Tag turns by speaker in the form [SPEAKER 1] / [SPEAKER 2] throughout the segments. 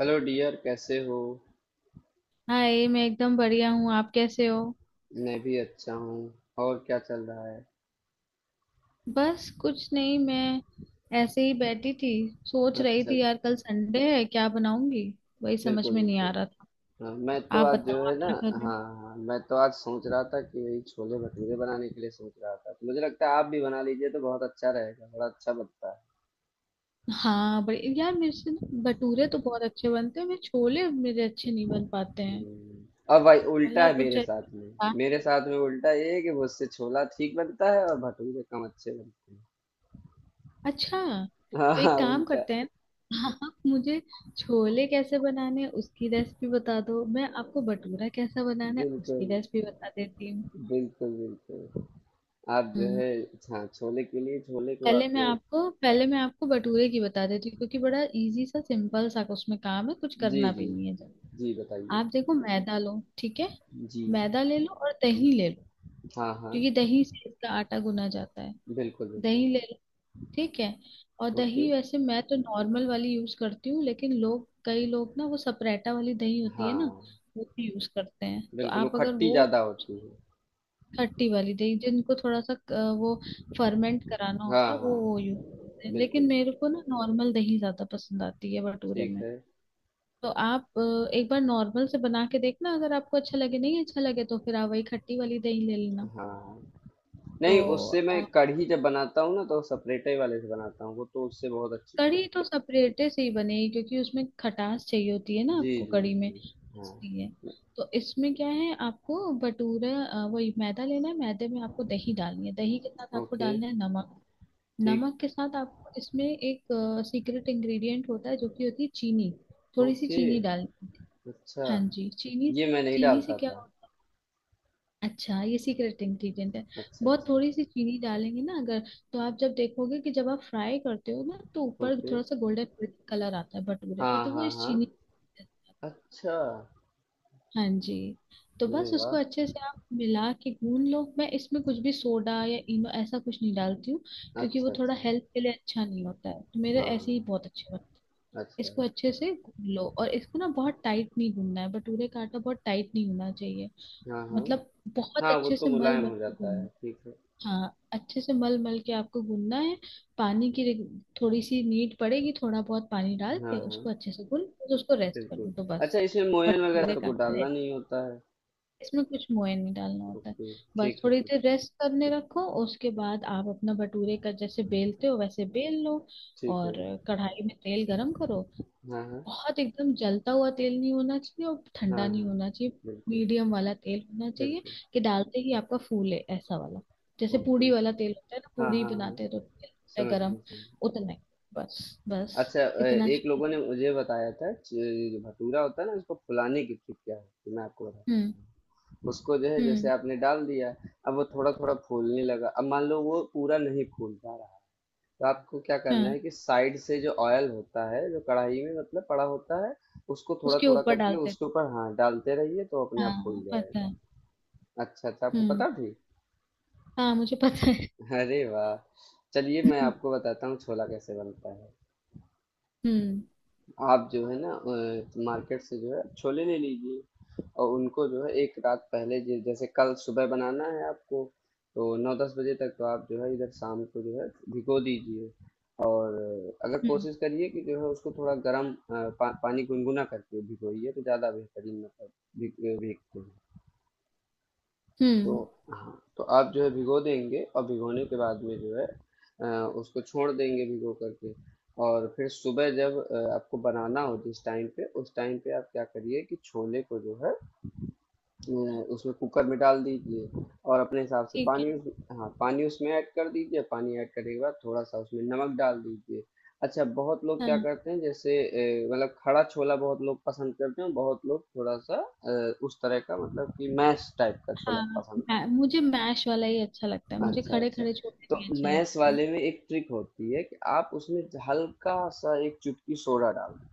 [SPEAKER 1] Hello dear, कैसे हो?
[SPEAKER 2] Hi, मैं एकदम बढ़िया हूँ। आप कैसे हो?
[SPEAKER 1] मैं भी अच्छा हूँ। और क्या चल रहा है?
[SPEAKER 2] बस कुछ नहीं, मैं ऐसे ही बैठी थी। सोच रही
[SPEAKER 1] अच्छा।
[SPEAKER 2] थी यार, कल संडे है, क्या बनाऊंगी, वही समझ
[SPEAKER 1] बिल्कुल
[SPEAKER 2] में नहीं आ
[SPEAKER 1] बिल्कुल।
[SPEAKER 2] रहा था।
[SPEAKER 1] हाँ, मैं तो
[SPEAKER 2] आप
[SPEAKER 1] आज जो
[SPEAKER 2] बताओ,
[SPEAKER 1] है
[SPEAKER 2] आप
[SPEAKER 1] ना।
[SPEAKER 2] क्या कर रहे हो?
[SPEAKER 1] हाँ हाँ, मैं तो आज सोच रहा था कि वही छोले भटूरे बनाने के लिए सोच रहा था, तो मुझे लगता है आप भी बना लीजिए तो बहुत अच्छा रहेगा, बड़ा अच्छा बनता है।
[SPEAKER 2] हाँ बड़े यार, मेरे से ना भटूरे तो बहुत अच्छे बनते हैं, मेरे छोले मेरे अच्छे नहीं बन पाते हैं।
[SPEAKER 1] हम्म। अब भाई, उल्टा
[SPEAKER 2] मतलब
[SPEAKER 1] है
[SPEAKER 2] कुछ
[SPEAKER 1] मेरे
[SPEAKER 2] जैसे-
[SPEAKER 1] साथ में। मेरे साथ में उल्टा ये है कि मुझसे छोला ठीक बनता है और भटूरे कम अच्छे बनते
[SPEAKER 2] अच्छा,
[SPEAKER 1] हैं। हाँ
[SPEAKER 2] तो
[SPEAKER 1] हाँ,
[SPEAKER 2] एक काम
[SPEAKER 1] उल्टा।
[SPEAKER 2] करते हैं, आप मुझे छोले कैसे बनाने हैं उसकी रेसिपी बता दो, मैं आपको भटूरा कैसा बनाना है उसकी
[SPEAKER 1] बिल्कुल।
[SPEAKER 2] रेसिपी बता देती हूँ।
[SPEAKER 1] बिल्कुल बिल्कुल। आप जो
[SPEAKER 2] हम्म।
[SPEAKER 1] है। हाँ, छोले के लिए छोले को
[SPEAKER 2] पहले
[SPEAKER 1] आप।
[SPEAKER 2] मैं आपको पहले मैं आपको भटूरे की बता देती हूँ, क्योंकि बड़ा इजी सा सिंपल सा उसमें काम है, कुछ
[SPEAKER 1] जी,
[SPEAKER 2] करना भी
[SPEAKER 1] जी।
[SPEAKER 2] नहीं है। जब
[SPEAKER 1] जी, बताइए।
[SPEAKER 2] आप देखो, मैदा लो, ठीक है।
[SPEAKER 1] जी।
[SPEAKER 2] मैदा ले लो और दही ले लो,
[SPEAKER 1] हाँ, हाँ।
[SPEAKER 2] क्योंकि दही से इसका आटा गुना जाता है।
[SPEAKER 1] बिल्कुल, बिल्कुल।
[SPEAKER 2] दही ले लो, ठीक है। और
[SPEAKER 1] ओके।
[SPEAKER 2] दही वैसे मैं तो नॉर्मल वाली यूज करती हूँ, लेकिन लोग, कई लोग ना, वो सपरेटा वाली दही होती है ना,
[SPEAKER 1] हाँ।
[SPEAKER 2] वो भी यूज करते हैं। तो
[SPEAKER 1] बिल्कुल वो
[SPEAKER 2] आप अगर
[SPEAKER 1] खट्टी
[SPEAKER 2] वो
[SPEAKER 1] ज़्यादा होती है।
[SPEAKER 2] खट्टी वाली दही, जिनको थोड़ा सा वो फर्मेंट कराना
[SPEAKER 1] हाँ,
[SPEAKER 2] होता है,
[SPEAKER 1] हाँ,
[SPEAKER 2] वो
[SPEAKER 1] हाँ।
[SPEAKER 2] यूज करते हैं, लेकिन
[SPEAKER 1] बिल्कुल,
[SPEAKER 2] मेरे को ना नॉर्मल दही ज्यादा पसंद आती है भटूरे
[SPEAKER 1] ठीक
[SPEAKER 2] में।
[SPEAKER 1] है।
[SPEAKER 2] तो आप एक बार नॉर्मल से बना के देखना, अगर आपको अच्छा लगे नहीं अच्छा लगे, तो फिर आप वही खट्टी वाली दही ले लेना।
[SPEAKER 1] हाँ। हाँ,
[SPEAKER 2] तो
[SPEAKER 1] नहीं उससे मैं
[SPEAKER 2] अ,
[SPEAKER 1] कढ़ी जब बनाता हूँ ना तो सपरेटे वाले से बनाता हूँ, वो तो उससे बहुत अच्छी
[SPEAKER 2] कढ़ी
[SPEAKER 1] बनती
[SPEAKER 2] तो सेपरेटे से ही बनेगी, क्योंकि उसमें खटास चाहिए होती है
[SPEAKER 1] है।
[SPEAKER 2] ना
[SPEAKER 1] जी,
[SPEAKER 2] आपको
[SPEAKER 1] जी,
[SPEAKER 2] कढ़ी में,
[SPEAKER 1] जी। हाँ।
[SPEAKER 2] इसलिए। तो इसमें क्या है, आपको भटूरा वही मैदा लेना है, मैदे में आपको दही डालनी है, दही के साथ आपको
[SPEAKER 1] ओके,
[SPEAKER 2] डालना है नमक।
[SPEAKER 1] ठीक।
[SPEAKER 2] नमक के साथ आपको इसमें एक सीक्रेट इंग्रेडिएंट होता है, जो कि होती है चीनी। थोड़ी सी
[SPEAKER 1] ओके,
[SPEAKER 2] चीनी डालनी है।
[SPEAKER 1] अच्छा।
[SPEAKER 2] हाँ जी, चीनी।
[SPEAKER 1] ये मैं नहीं
[SPEAKER 2] चीनी से
[SPEAKER 1] डालता
[SPEAKER 2] क्या
[SPEAKER 1] था।
[SPEAKER 2] होता है, अच्छा, ये सीक्रेट इंग्रेडिएंट है।
[SPEAKER 1] अच्छा,
[SPEAKER 2] बहुत
[SPEAKER 1] अच्छा।
[SPEAKER 2] थोड़ी सी चीनी डालेंगे ना अगर, तो आप जब देखोगे कि जब आप फ्राई करते हो ना, तो ऊपर
[SPEAKER 1] ओके।
[SPEAKER 2] थोड़ा सा गोल्डन कलर आता है भटूरे पे,
[SPEAKER 1] हाँ,
[SPEAKER 2] तो वो
[SPEAKER 1] हाँ,
[SPEAKER 2] इस
[SPEAKER 1] हाँ।
[SPEAKER 2] चीनी।
[SPEAKER 1] अच्छा।
[SPEAKER 2] हाँ जी। तो
[SPEAKER 1] अरे
[SPEAKER 2] बस उसको
[SPEAKER 1] वाह!
[SPEAKER 2] अच्छे से आप मिला के गून लो। मैं इसमें कुछ भी सोडा या इनो ऐसा कुछ नहीं डालती हूँ, क्योंकि वो
[SPEAKER 1] अच्छा,
[SPEAKER 2] थोड़ा
[SPEAKER 1] अच्छा।
[SPEAKER 2] हेल्थ के लिए अच्छा नहीं होता है। तो मेरे ऐसे
[SPEAKER 1] हाँ।
[SPEAKER 2] ही बहुत अच्छे बनते हैं।
[SPEAKER 1] अच्छा।
[SPEAKER 2] इसको अच्छे से गून लो, और इसको ना बहुत टाइट नहीं गूनना है, भटूरे का आटा बहुत टाइट नहीं होना चाहिए।
[SPEAKER 1] हाँ, हाँ।
[SPEAKER 2] मतलब बहुत
[SPEAKER 1] हाँ, वो
[SPEAKER 2] अच्छे
[SPEAKER 1] तो
[SPEAKER 2] से मल
[SPEAKER 1] मुलायम
[SPEAKER 2] मल
[SPEAKER 1] हो
[SPEAKER 2] के
[SPEAKER 1] जाता
[SPEAKER 2] गूनना
[SPEAKER 1] है,
[SPEAKER 2] है।
[SPEAKER 1] ठीक है।
[SPEAKER 2] हाँ, अच्छे से मल मल के आपको गूनना है। पानी की रिक- थोड़ी सी नीड पड़ेगी, थोड़ा बहुत पानी डाल
[SPEAKER 1] हाँ,
[SPEAKER 2] के
[SPEAKER 1] हाँ,
[SPEAKER 2] उसको अच्छे से गून, फिर उसको रेस्ट कर
[SPEAKER 1] बिल्कुल।
[SPEAKER 2] लो, तो
[SPEAKER 1] अच्छा,
[SPEAKER 2] बस
[SPEAKER 1] इसमें मोयन वगैरह
[SPEAKER 2] भटूरे
[SPEAKER 1] तो
[SPEAKER 2] का
[SPEAKER 1] कुछ
[SPEAKER 2] आटा
[SPEAKER 1] डालना
[SPEAKER 2] ready।
[SPEAKER 1] नहीं होता है?
[SPEAKER 2] इसमें कुछ मोयन नहीं डालना होता है।
[SPEAKER 1] ओके,
[SPEAKER 2] बस
[SPEAKER 1] ठीक है,
[SPEAKER 2] थोड़ी
[SPEAKER 1] ठीक
[SPEAKER 2] देर रेस्ट करने रखो, उसके बाद आप अपना भटूरे का जैसे बेलते हो वैसे बेल लो।
[SPEAKER 1] ठीक
[SPEAKER 2] और
[SPEAKER 1] है।
[SPEAKER 2] कढ़ाई में तेल गरम करो।
[SPEAKER 1] हाँ, हाँ।
[SPEAKER 2] बहुत एकदम जलता हुआ तेल नहीं होना चाहिए, और
[SPEAKER 1] हाँ,
[SPEAKER 2] ठंडा नहीं
[SPEAKER 1] हाँ।
[SPEAKER 2] होना चाहिए।
[SPEAKER 1] बिल्कुल,
[SPEAKER 2] मीडियम वाला तेल होना चाहिए,
[SPEAKER 1] बिल्कुल।
[SPEAKER 2] कि डालते ही आपका फूले ऐसा वाला। जैसे
[SPEAKER 1] ओके।
[SPEAKER 2] पूड़ी वाला तेल होता है ना,
[SPEAKER 1] हाँ,
[SPEAKER 2] पूड़ी
[SPEAKER 1] हाँ, हाँ।
[SPEAKER 2] बनाते हैं तो तेल होता है
[SPEAKER 1] समझ
[SPEAKER 2] गरम,
[SPEAKER 1] गया, समझ गया।
[SPEAKER 2] उतना ही, बस बस
[SPEAKER 1] अच्छा,
[SPEAKER 2] इतना
[SPEAKER 1] एक
[SPEAKER 2] चाहिए।
[SPEAKER 1] लोगों ने मुझे बताया था च जो भटूरा होता है ना, उसको फुलाने की ट्रिक क्या होती है? तो मैं आपको
[SPEAKER 2] हम्म।
[SPEAKER 1] बताता हूँ। उसको जो है जैसे
[SPEAKER 2] हम्म।
[SPEAKER 1] आपने डाल दिया, अब वो थोड़ा-थोड़ा फूलने लगा। अब मान लो वो पूरा नहीं फूल पा रहा। तो आपको क्या करना
[SPEAKER 2] हाँ,
[SPEAKER 1] है कि साइड से जो ऑयल होता है जो कढ़ाई में मतलब पड़ा होता है, उसको थोड़ा
[SPEAKER 2] उसके
[SPEAKER 1] थोड़ा
[SPEAKER 2] ऊपर
[SPEAKER 1] करके
[SPEAKER 2] डालते हैं।
[SPEAKER 1] उसके ऊपर, हाँ, डालते रहिए तो अपने आप खुल
[SPEAKER 2] हाँ, पता
[SPEAKER 1] जाएगा।
[SPEAKER 2] है।
[SPEAKER 1] अच्छा अच्छा, आपको
[SPEAKER 2] हम्म,
[SPEAKER 1] पता थी।
[SPEAKER 2] हाँ, मुझे पता है।
[SPEAKER 1] अरे वाह! चलिए, मैं
[SPEAKER 2] हम्म।
[SPEAKER 1] आपको बताता हूँ छोला कैसे बनता है।
[SPEAKER 2] हम्म।
[SPEAKER 1] आप जो है ना, मार्केट से जो है छोले ले लीजिए। और उनको जो है एक रात पहले, जैसे कल सुबह बनाना है आपको। तो 9-10 बजे तक तो आप जो है इधर शाम को जो है भिगो दीजिए। और अगर
[SPEAKER 2] हम्म।
[SPEAKER 1] कोशिश करिए कि जो है उसको थोड़ा गर्म पानी गुनगुना करके भिगोइए तो ज़्यादा बेहतरीन मतलब भीगते हैं। तो।
[SPEAKER 2] हम्म।
[SPEAKER 1] हाँ, तो आप जो है भिगो देंगे और भिगोने के बाद में जो है, उसको छोड़ देंगे भिगो करके। और फिर सुबह जब आपको बनाना हो जिस टाइम पे उस टाइम पे आप क्या करिए कि छोले को जो है, अ, उसमें कुकर में डाल दीजिए। और अपने हिसाब से
[SPEAKER 2] ठीक है।
[SPEAKER 1] पानी उस। हाँ, पानी उसमें ऐड कर दीजिए। पानी ऐड करने के बाद थोड़ा सा उसमें नमक डाल दीजिए। अच्छा, बहुत लोग क्या
[SPEAKER 2] हाँ
[SPEAKER 1] करते हैं जैसे मतलब खड़ा छोला बहुत लोग पसंद करते हैं, बहुत लोग थोड़ा सा उस तरह का मतलब कि मैश टाइप का छोला
[SPEAKER 2] हाँ,
[SPEAKER 1] पसंद।
[SPEAKER 2] मै- मुझे मैश वाला ही अच्छा लगता है, मुझे
[SPEAKER 1] अच्छा
[SPEAKER 2] खड़े
[SPEAKER 1] अच्छा।
[SPEAKER 2] खड़े छोले
[SPEAKER 1] तो
[SPEAKER 2] भी अच्छे
[SPEAKER 1] मैथ्स
[SPEAKER 2] लगते हैं।
[SPEAKER 1] वाले में एक ट्रिक होती है कि आप उसमें हल्का सा एक चुटकी सोडा डाल दें,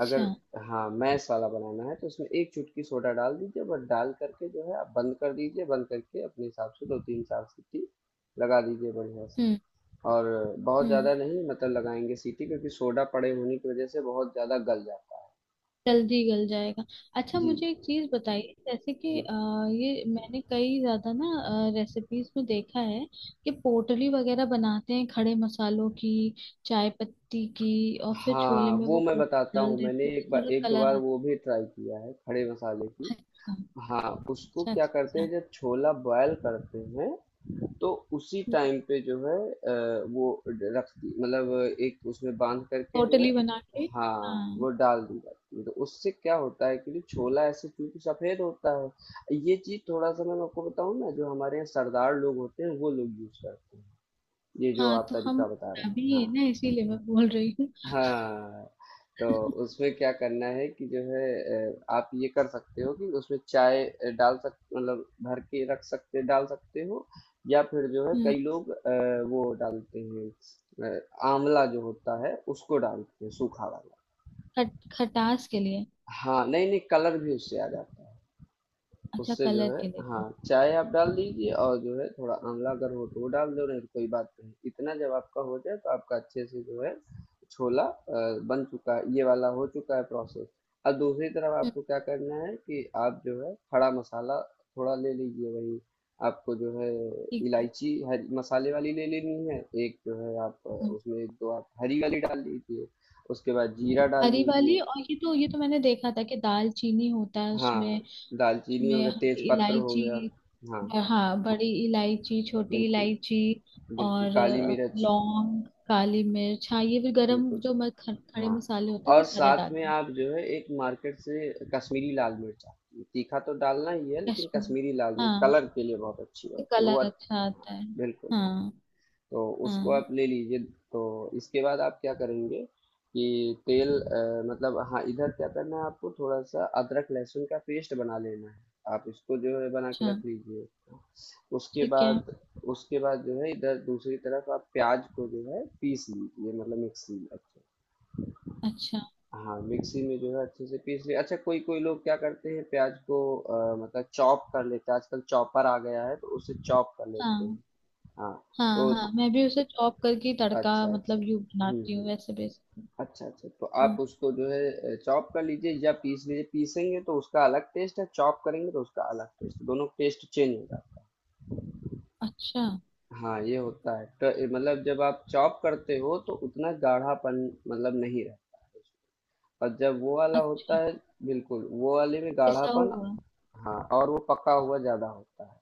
[SPEAKER 1] अगर। हाँ, मैथ्स वाला बनाना है तो उसमें एक चुटकी सोडा डाल दीजिए, बस डाल करके जो है आप बंद कर दीजिए, बंद करके अपने हिसाब से दो तीन चार सीटी लगा दीजिए बढ़िया से।
[SPEAKER 2] हम्म।
[SPEAKER 1] और बहुत ज़्यादा
[SPEAKER 2] हम्म।
[SPEAKER 1] नहीं मतलब लगाएंगे सीटी, क्योंकि सोडा पड़े होने की वजह से बहुत ज़्यादा गल जाता
[SPEAKER 2] जल्दी गल जाएगा।
[SPEAKER 1] है।
[SPEAKER 2] अच्छा,
[SPEAKER 1] जी
[SPEAKER 2] मुझे एक चीज बताइए, जैसे कि
[SPEAKER 1] जी।
[SPEAKER 2] ये मैंने कई ज्यादा ना रेसिपीज में देखा है, कि पोटली वगैरह बनाते हैं खड़े मसालों की, चाय पत्ती की, और फिर छोले
[SPEAKER 1] हाँ,
[SPEAKER 2] में वो
[SPEAKER 1] वो मैं
[SPEAKER 2] पोटली
[SPEAKER 1] बताता
[SPEAKER 2] डाल
[SPEAKER 1] हूँ, मैंने
[SPEAKER 2] देते हैं,
[SPEAKER 1] एक
[SPEAKER 2] तो
[SPEAKER 1] बार,
[SPEAKER 2] थोड़ा
[SPEAKER 1] एक दो
[SPEAKER 2] कलर
[SPEAKER 1] बार वो
[SPEAKER 2] आता
[SPEAKER 1] भी ट्राई किया है खड़े मसाले की।
[SPEAKER 2] है। अच्छा,
[SPEAKER 1] हाँ, उसको
[SPEAKER 2] अच्छा,
[SPEAKER 1] क्या करते
[SPEAKER 2] अच्छा। अच्छा।
[SPEAKER 1] हैं जब छोला बॉयल करते हैं तो उसी
[SPEAKER 2] हम्म,
[SPEAKER 1] टाइम पे जो है, वो रख दी मतलब एक उसमें बांध करके जो है।
[SPEAKER 2] पोटली बना के।
[SPEAKER 1] हाँ,
[SPEAKER 2] हाँ
[SPEAKER 1] वो डाल दी जाती है तो उससे क्या होता है कि जो छोला ऐसे क्योंकि सफेद होता है। ये चीज थोड़ा सा मैं आपको बताऊँ ना, जो हमारे यहाँ सरदार लोग होते हैं वो लोग यूज करते हैं ये जो
[SPEAKER 2] हाँ,
[SPEAKER 1] आप
[SPEAKER 2] तो हम
[SPEAKER 1] तरीका बता रहे
[SPEAKER 2] अभी
[SPEAKER 1] हैं,
[SPEAKER 2] है
[SPEAKER 1] हाँ।
[SPEAKER 2] ना, इसीलिए मैं बोल रही हूँ।
[SPEAKER 1] हाँ तो उसमें क्या करना है कि जो है, आप ये कर सकते हो कि उसमें चाय डाल सक मतलब भर के रख सकते डाल सकते हो। या फिर जो है
[SPEAKER 2] हम्म,
[SPEAKER 1] कई लोग वो डालते हैं, अ, आंवला जो होता है उसको डालते हैं सूखा वाला।
[SPEAKER 2] खट, खटास के लिए।
[SPEAKER 1] हाँ, नहीं नहीं, कलर भी उससे आ जाता है।
[SPEAKER 2] अच्छा,
[SPEAKER 1] उससे जो
[SPEAKER 2] कलर
[SPEAKER 1] है।
[SPEAKER 2] के लिए।
[SPEAKER 1] हाँ, चाय आप डाल दीजिए और जो है थोड़ा आंवला अगर हो तो वो डाल दो, नहीं तो कोई बात नहीं। इतना जब आपका हो जाए तो आपका अच्छे से जो है छोला बन चुका है, ये वाला हो चुका है प्रोसेस। अब दूसरी तरफ
[SPEAKER 2] हम्म।
[SPEAKER 1] आपको क्या करना है कि आप जो है खड़ा मसाला थोड़ा ले लीजिए, वही आपको जो है
[SPEAKER 2] ठीक है।
[SPEAKER 1] इलायची हरी मसाले वाली ले लेनी है। एक जो है आप
[SPEAKER 2] हम्म,
[SPEAKER 1] उसमें एक दो आप हरी वाली डाल लीजिए, उसके बाद जीरा डाल
[SPEAKER 2] हरी वाली।
[SPEAKER 1] लीजिए।
[SPEAKER 2] और ये तो, ये तो मैंने देखा था कि दाल चीनी होता है
[SPEAKER 1] हाँ,
[SPEAKER 2] उसमें।
[SPEAKER 1] दालचीनी हो
[SPEAKER 2] उसमें
[SPEAKER 1] गया, तेज
[SPEAKER 2] हरी
[SPEAKER 1] पत्र हो गया।
[SPEAKER 2] इलायची,
[SPEAKER 1] हाँ,
[SPEAKER 2] ब- हाँ, बड़ी इलायची, छोटी
[SPEAKER 1] बिल्कुल,
[SPEAKER 2] इलायची
[SPEAKER 1] बिल्कुल,
[SPEAKER 2] और
[SPEAKER 1] काली मिर्च,
[SPEAKER 2] लौंग, काली मिर्च। हाँ, ये भी गरम
[SPEAKER 1] बिल्कुल,
[SPEAKER 2] जो म- ख- खड़े
[SPEAKER 1] हाँ।
[SPEAKER 2] मसाले होते हैं वो
[SPEAKER 1] और
[SPEAKER 2] सारे
[SPEAKER 1] साथ में
[SPEAKER 2] डालने।
[SPEAKER 1] आप जो है एक मार्केट से कश्मीरी लाल मिर्च आती है, तीखा तो डालना ही है लेकिन
[SPEAKER 2] कश्मीरी,
[SPEAKER 1] कश्मीरी लाल मिर्च
[SPEAKER 2] हाँ,
[SPEAKER 1] कलर के लिए बहुत अच्छी
[SPEAKER 2] तो
[SPEAKER 1] होती है, वो
[SPEAKER 2] कलर अच्छा आता है।
[SPEAKER 1] बिल्कुल।
[SPEAKER 2] हाँ।
[SPEAKER 1] तो उसको
[SPEAKER 2] हाँ
[SPEAKER 1] आप ले लीजिए। तो इसके बाद आप क्या करेंगे कि तेल मतलब, हाँ, इधर क्या करना है आपको थोड़ा सा अदरक लहसुन का पेस्ट बना लेना है, आप इसको जो है बना के
[SPEAKER 2] अच्छा,
[SPEAKER 1] रख लीजिए। उसके
[SPEAKER 2] ठीक है।
[SPEAKER 1] बाद। उसके बाद जो है इधर दूसरी तरफ आप प्याज को जो है पीस लीजिए मतलब मिक्सी में, अच्छा।
[SPEAKER 2] अच्छा।
[SPEAKER 1] हाँ, मिक्सी में जो है अच्छे से पीस लिया। अच्छा, कोई कोई लोग क्या करते हैं प्याज को मतलब चॉप कर लेते हैं, आजकल चॉपर आ गया है तो उसे चॉप कर लेते हैं।
[SPEAKER 2] हाँ
[SPEAKER 1] हाँ
[SPEAKER 2] हाँ,
[SPEAKER 1] तो।
[SPEAKER 2] हाँ मैं भी उसे चॉप करके तड़का
[SPEAKER 1] अच्छा अच्छा।
[SPEAKER 2] मतलब यूं बनाती हूँ
[SPEAKER 1] हम्म।
[SPEAKER 2] वैसे बेसिकली।
[SPEAKER 1] अच्छा अच्छा, तो आप
[SPEAKER 2] हम्म।
[SPEAKER 1] उसको जो है चॉप कर लीजिए या पीस लीजिए। पीसेंगे तो उसका अलग टेस्ट है, चॉप करेंगे तो उसका अलग टेस्ट, दोनों टेस्ट चेंज हो जाता
[SPEAKER 2] अच्छा।
[SPEAKER 1] है। हाँ, ये होता है, तो ये मतलब जब आप चॉप करते हो तो उतना गाढ़ापन मतलब नहीं रहता है उसमें। और जब वो वाला
[SPEAKER 2] अच्छा,
[SPEAKER 1] होता है। बिल्कुल, वो वाले में
[SPEAKER 2] पिसा
[SPEAKER 1] गाढ़ापन।
[SPEAKER 2] हुआ।
[SPEAKER 1] हाँ, और वो पका हुआ ज्यादा होता है।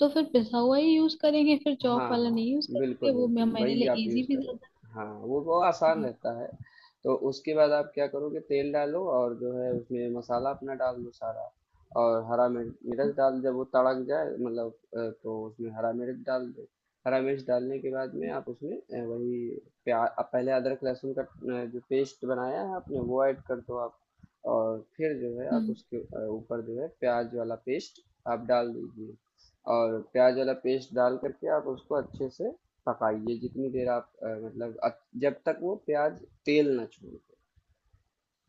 [SPEAKER 2] तो फिर पिसा हुआ ही यूज करेंगे, फिर
[SPEAKER 1] हाँ
[SPEAKER 2] चॉप वाला
[SPEAKER 1] हाँ,
[SPEAKER 2] नहीं यूज
[SPEAKER 1] बिल्कुल
[SPEAKER 2] करेंगे, वो मैं,
[SPEAKER 1] बिल्कुल
[SPEAKER 2] मेरे
[SPEAKER 1] वही आप
[SPEAKER 2] लिए इजी
[SPEAKER 1] यूज़
[SPEAKER 2] भी
[SPEAKER 1] करो।
[SPEAKER 2] ज्यादा।
[SPEAKER 1] हाँ, वो आसान
[SPEAKER 2] हम्म।
[SPEAKER 1] रहता है। तो उसके बाद आप क्या करोगे, तेल डालो और जो है उसमें मसाला अपना डाल दो सारा। और हरा मिर्च मिर्च डाल, जब वो तड़क जाए मतलब, तो उसमें हरा मिर्च डाल दो। हरा मिर्च डालने के बाद में
[SPEAKER 2] हम्म।
[SPEAKER 1] आप उसमें वही प्याज पहले अदरक लहसुन का जो पेस्ट बनाया है आपने वो ऐड कर दो आप। और फिर जो है आप
[SPEAKER 2] हम्म।
[SPEAKER 1] उसके ऊपर जो है प्याज वाला पेस्ट आप डाल दीजिए। और प्याज वाला पेस्ट डाल करके आप उसको अच्छे से पकाइए जितनी देर आप जब तक वो प्याज तेल ना छोड़ दे।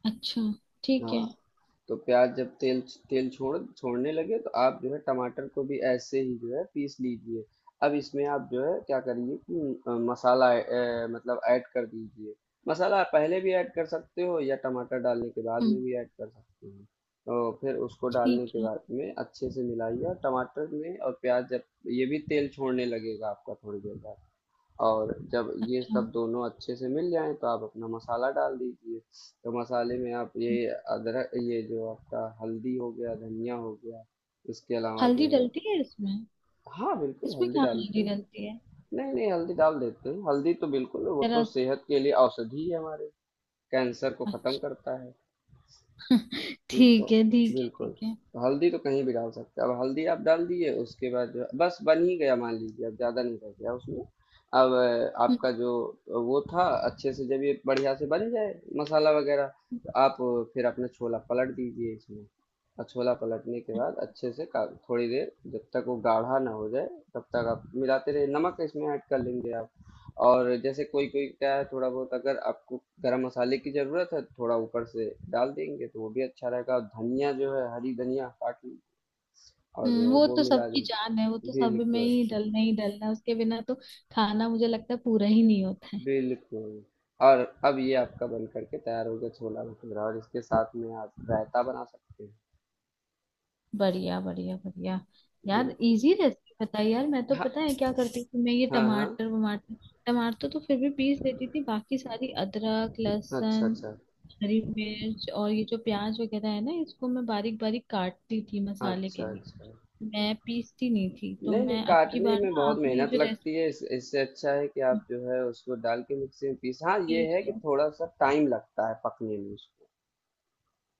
[SPEAKER 2] अच्छा, ठीक
[SPEAKER 1] हाँ।
[SPEAKER 2] है।
[SPEAKER 1] तो प्याज जब तेल तेल छोड़ने लगे तो आप जो है टमाटर को भी ऐसे ही जो है पीस लीजिए। अब इसमें आप जो है क्या करिए कि मसाला मतलब ऐड कर दीजिए। मसाला आप पहले भी ऐड कर सकते हो या टमाटर डालने के बाद में
[SPEAKER 2] हम्म।
[SPEAKER 1] भी ऐड कर सकते हो। तो फिर उसको डालने
[SPEAKER 2] ठीक
[SPEAKER 1] के
[SPEAKER 2] है।
[SPEAKER 1] बाद में अच्छे से मिलाइए और टमाटर में और प्याज जब ये भी तेल छोड़ने लगेगा आपका थोड़ी देर बाद। और जब ये
[SPEAKER 2] अच्छा।
[SPEAKER 1] सब दोनों अच्छे से मिल जाएं तो आप अपना मसाला डाल दीजिए। तो मसाले में आप ये
[SPEAKER 2] हम्म,
[SPEAKER 1] अदरक, ये जो आपका हल्दी हो गया, धनिया हो गया, इसके अलावा
[SPEAKER 2] हल्दी
[SPEAKER 1] जो है।
[SPEAKER 2] डलती है इसमें?
[SPEAKER 1] हाँ बिल्कुल,
[SPEAKER 2] इसमें
[SPEAKER 1] हल्दी
[SPEAKER 2] कहाँ
[SPEAKER 1] डालते
[SPEAKER 2] हल्दी
[SPEAKER 1] हैं।
[SPEAKER 2] डलती है?
[SPEAKER 1] नहीं नहीं, हल्दी डाल देते हैं। हल्दी तो बिल्कुल, वो तो
[SPEAKER 2] जरा सा-
[SPEAKER 1] सेहत के लिए औषधि है हमारे। कैंसर को खत्म
[SPEAKER 2] अच्छा,
[SPEAKER 1] करता है। ठीक तो।
[SPEAKER 2] ठीक है, ठीक है, ठीक
[SPEAKER 1] बिल्कुल।
[SPEAKER 2] है।
[SPEAKER 1] हल्दी तो कहीं भी डाल सकते हैं। अब हल्दी आप डाल दिए, उसके बाद जो बस बन ही गया मान लीजिए, अब ज़्यादा नहीं रह गया उसमें। अब
[SPEAKER 2] हम्म।
[SPEAKER 1] आपका जो वो था। अच्छे से जब ये बढ़िया से बन जाए, मसाला वगैरह,
[SPEAKER 2] हम्म।
[SPEAKER 1] तो आप फिर अपना छोला पलट दीजिए इसमें। और छोला पलटने के बाद अच्छे से, थोड़ी देर जब तक वो गाढ़ा ना हो जाए, तब तक आप मिलाते रहिए। नमक इसमें ऐड कर लेंगे आप। और जैसे कोई कोई क्या है, थोड़ा बहुत अगर आपको गरम मसाले की ज़रूरत है तो थोड़ा ऊपर से डाल देंगे तो वो भी अच्छा रहेगा। और धनिया जो है, हरी धनिया काट ली और
[SPEAKER 2] हम्म, वो
[SPEAKER 1] वो
[SPEAKER 2] तो
[SPEAKER 1] मिला
[SPEAKER 2] सबकी जान है, वो
[SPEAKER 1] दीजिए,
[SPEAKER 2] तो सब में
[SPEAKER 1] बिल्कुल।
[SPEAKER 2] ही डलना है, उसके बिना तो खाना मुझे लगता है पूरा ही नहीं होता है।
[SPEAKER 1] बिल्कुल। और अब ये आपका बन करके तैयार हो गया छोला भटूरा, और इसके साथ में आप रायता बना सकते हैं।
[SPEAKER 2] बढ़िया, बढ़िया, बढ़िया। यार
[SPEAKER 1] बिल्कुल।
[SPEAKER 2] इजी रेसिपी बताई यार, मैं तो
[SPEAKER 1] हाँ
[SPEAKER 2] पता है क्या करती थी, मैं ये
[SPEAKER 1] हाँ हाँ।
[SPEAKER 2] टमाटर वमाटर, टमाटर तो फिर भी पीस देती थी, बाकी सारी अदरक,
[SPEAKER 1] अच्छा
[SPEAKER 2] लहसुन,
[SPEAKER 1] अच्छा
[SPEAKER 2] हरी मिर्च, और ये जो प्याज वगैरह है ना, इसको मैं बारीक बारीक काटती थी मसाले
[SPEAKER 1] अच्छा
[SPEAKER 2] के लिए।
[SPEAKER 1] अच्छा।
[SPEAKER 2] मैं पीसती नहीं थी, तो
[SPEAKER 1] नहीं नहीं,
[SPEAKER 2] मैं अब की
[SPEAKER 1] काटने
[SPEAKER 2] बार
[SPEAKER 1] में
[SPEAKER 2] ना
[SPEAKER 1] बहुत
[SPEAKER 2] आपने ये
[SPEAKER 1] मेहनत
[SPEAKER 2] जो
[SPEAKER 1] लगती
[SPEAKER 2] रेसिपी।
[SPEAKER 1] है, इससे अच्छा है कि आप जो है उसको डाल के मिक्सी में पीस। हाँ, ये है कि थोड़ा सा टाइम लगता है पकने में उसको।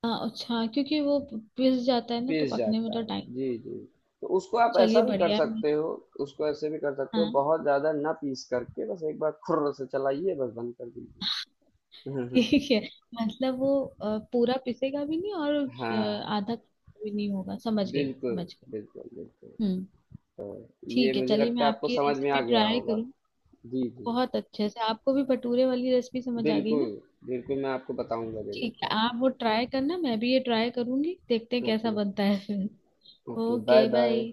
[SPEAKER 2] हाँ अच्छा, क्योंकि वो पिस जाता है ना तो
[SPEAKER 1] पीस
[SPEAKER 2] पकने में
[SPEAKER 1] जाता
[SPEAKER 2] तो
[SPEAKER 1] है।
[SPEAKER 2] टाइम।
[SPEAKER 1] जी जी। तो उसको आप
[SPEAKER 2] चलिए,
[SPEAKER 1] ऐसा भी कर
[SPEAKER 2] बढ़िया है, मैं-
[SPEAKER 1] सकते हो। उसको ऐसे भी कर सकते हो,
[SPEAKER 2] हाँ,
[SPEAKER 1] बहुत ज़्यादा ना पीस करके, बस एक बार खुर्र से चलाइए, बस बंद कर दीजिए।
[SPEAKER 2] ठीक है। मतलब वो पूरा पिसेगा भी नहीं और
[SPEAKER 1] हाँ।
[SPEAKER 2] आधा भी नहीं होगा, समझ गई,
[SPEAKER 1] बिल्कुल
[SPEAKER 2] समझ गई।
[SPEAKER 1] बिल्कुल बिल्कुल।
[SPEAKER 2] हम्म।
[SPEAKER 1] ये
[SPEAKER 2] ठीक है,
[SPEAKER 1] मुझे
[SPEAKER 2] चलिए, मैं
[SPEAKER 1] लगता है आपको
[SPEAKER 2] आपकी
[SPEAKER 1] समझ में आ
[SPEAKER 2] रेसिपी
[SPEAKER 1] गया
[SPEAKER 2] ट्राई
[SPEAKER 1] होगा।
[SPEAKER 2] करूँ।
[SPEAKER 1] जी जी।
[SPEAKER 2] बहुत अच्छे से, आपको भी भटूरे वाली रेसिपी समझ आ गई
[SPEAKER 1] बिल्कुल
[SPEAKER 2] ना?
[SPEAKER 1] बिल्कुल, मैं आपको बताऊंगा जरूर।
[SPEAKER 2] ठीक है, आप वो ट्राई करना, मैं भी ये ट्राई करूंगी, देखते हैं कैसा
[SPEAKER 1] ओके।
[SPEAKER 2] बनता है फिर।
[SPEAKER 1] Okay, bye
[SPEAKER 2] okay bye.
[SPEAKER 1] Bye.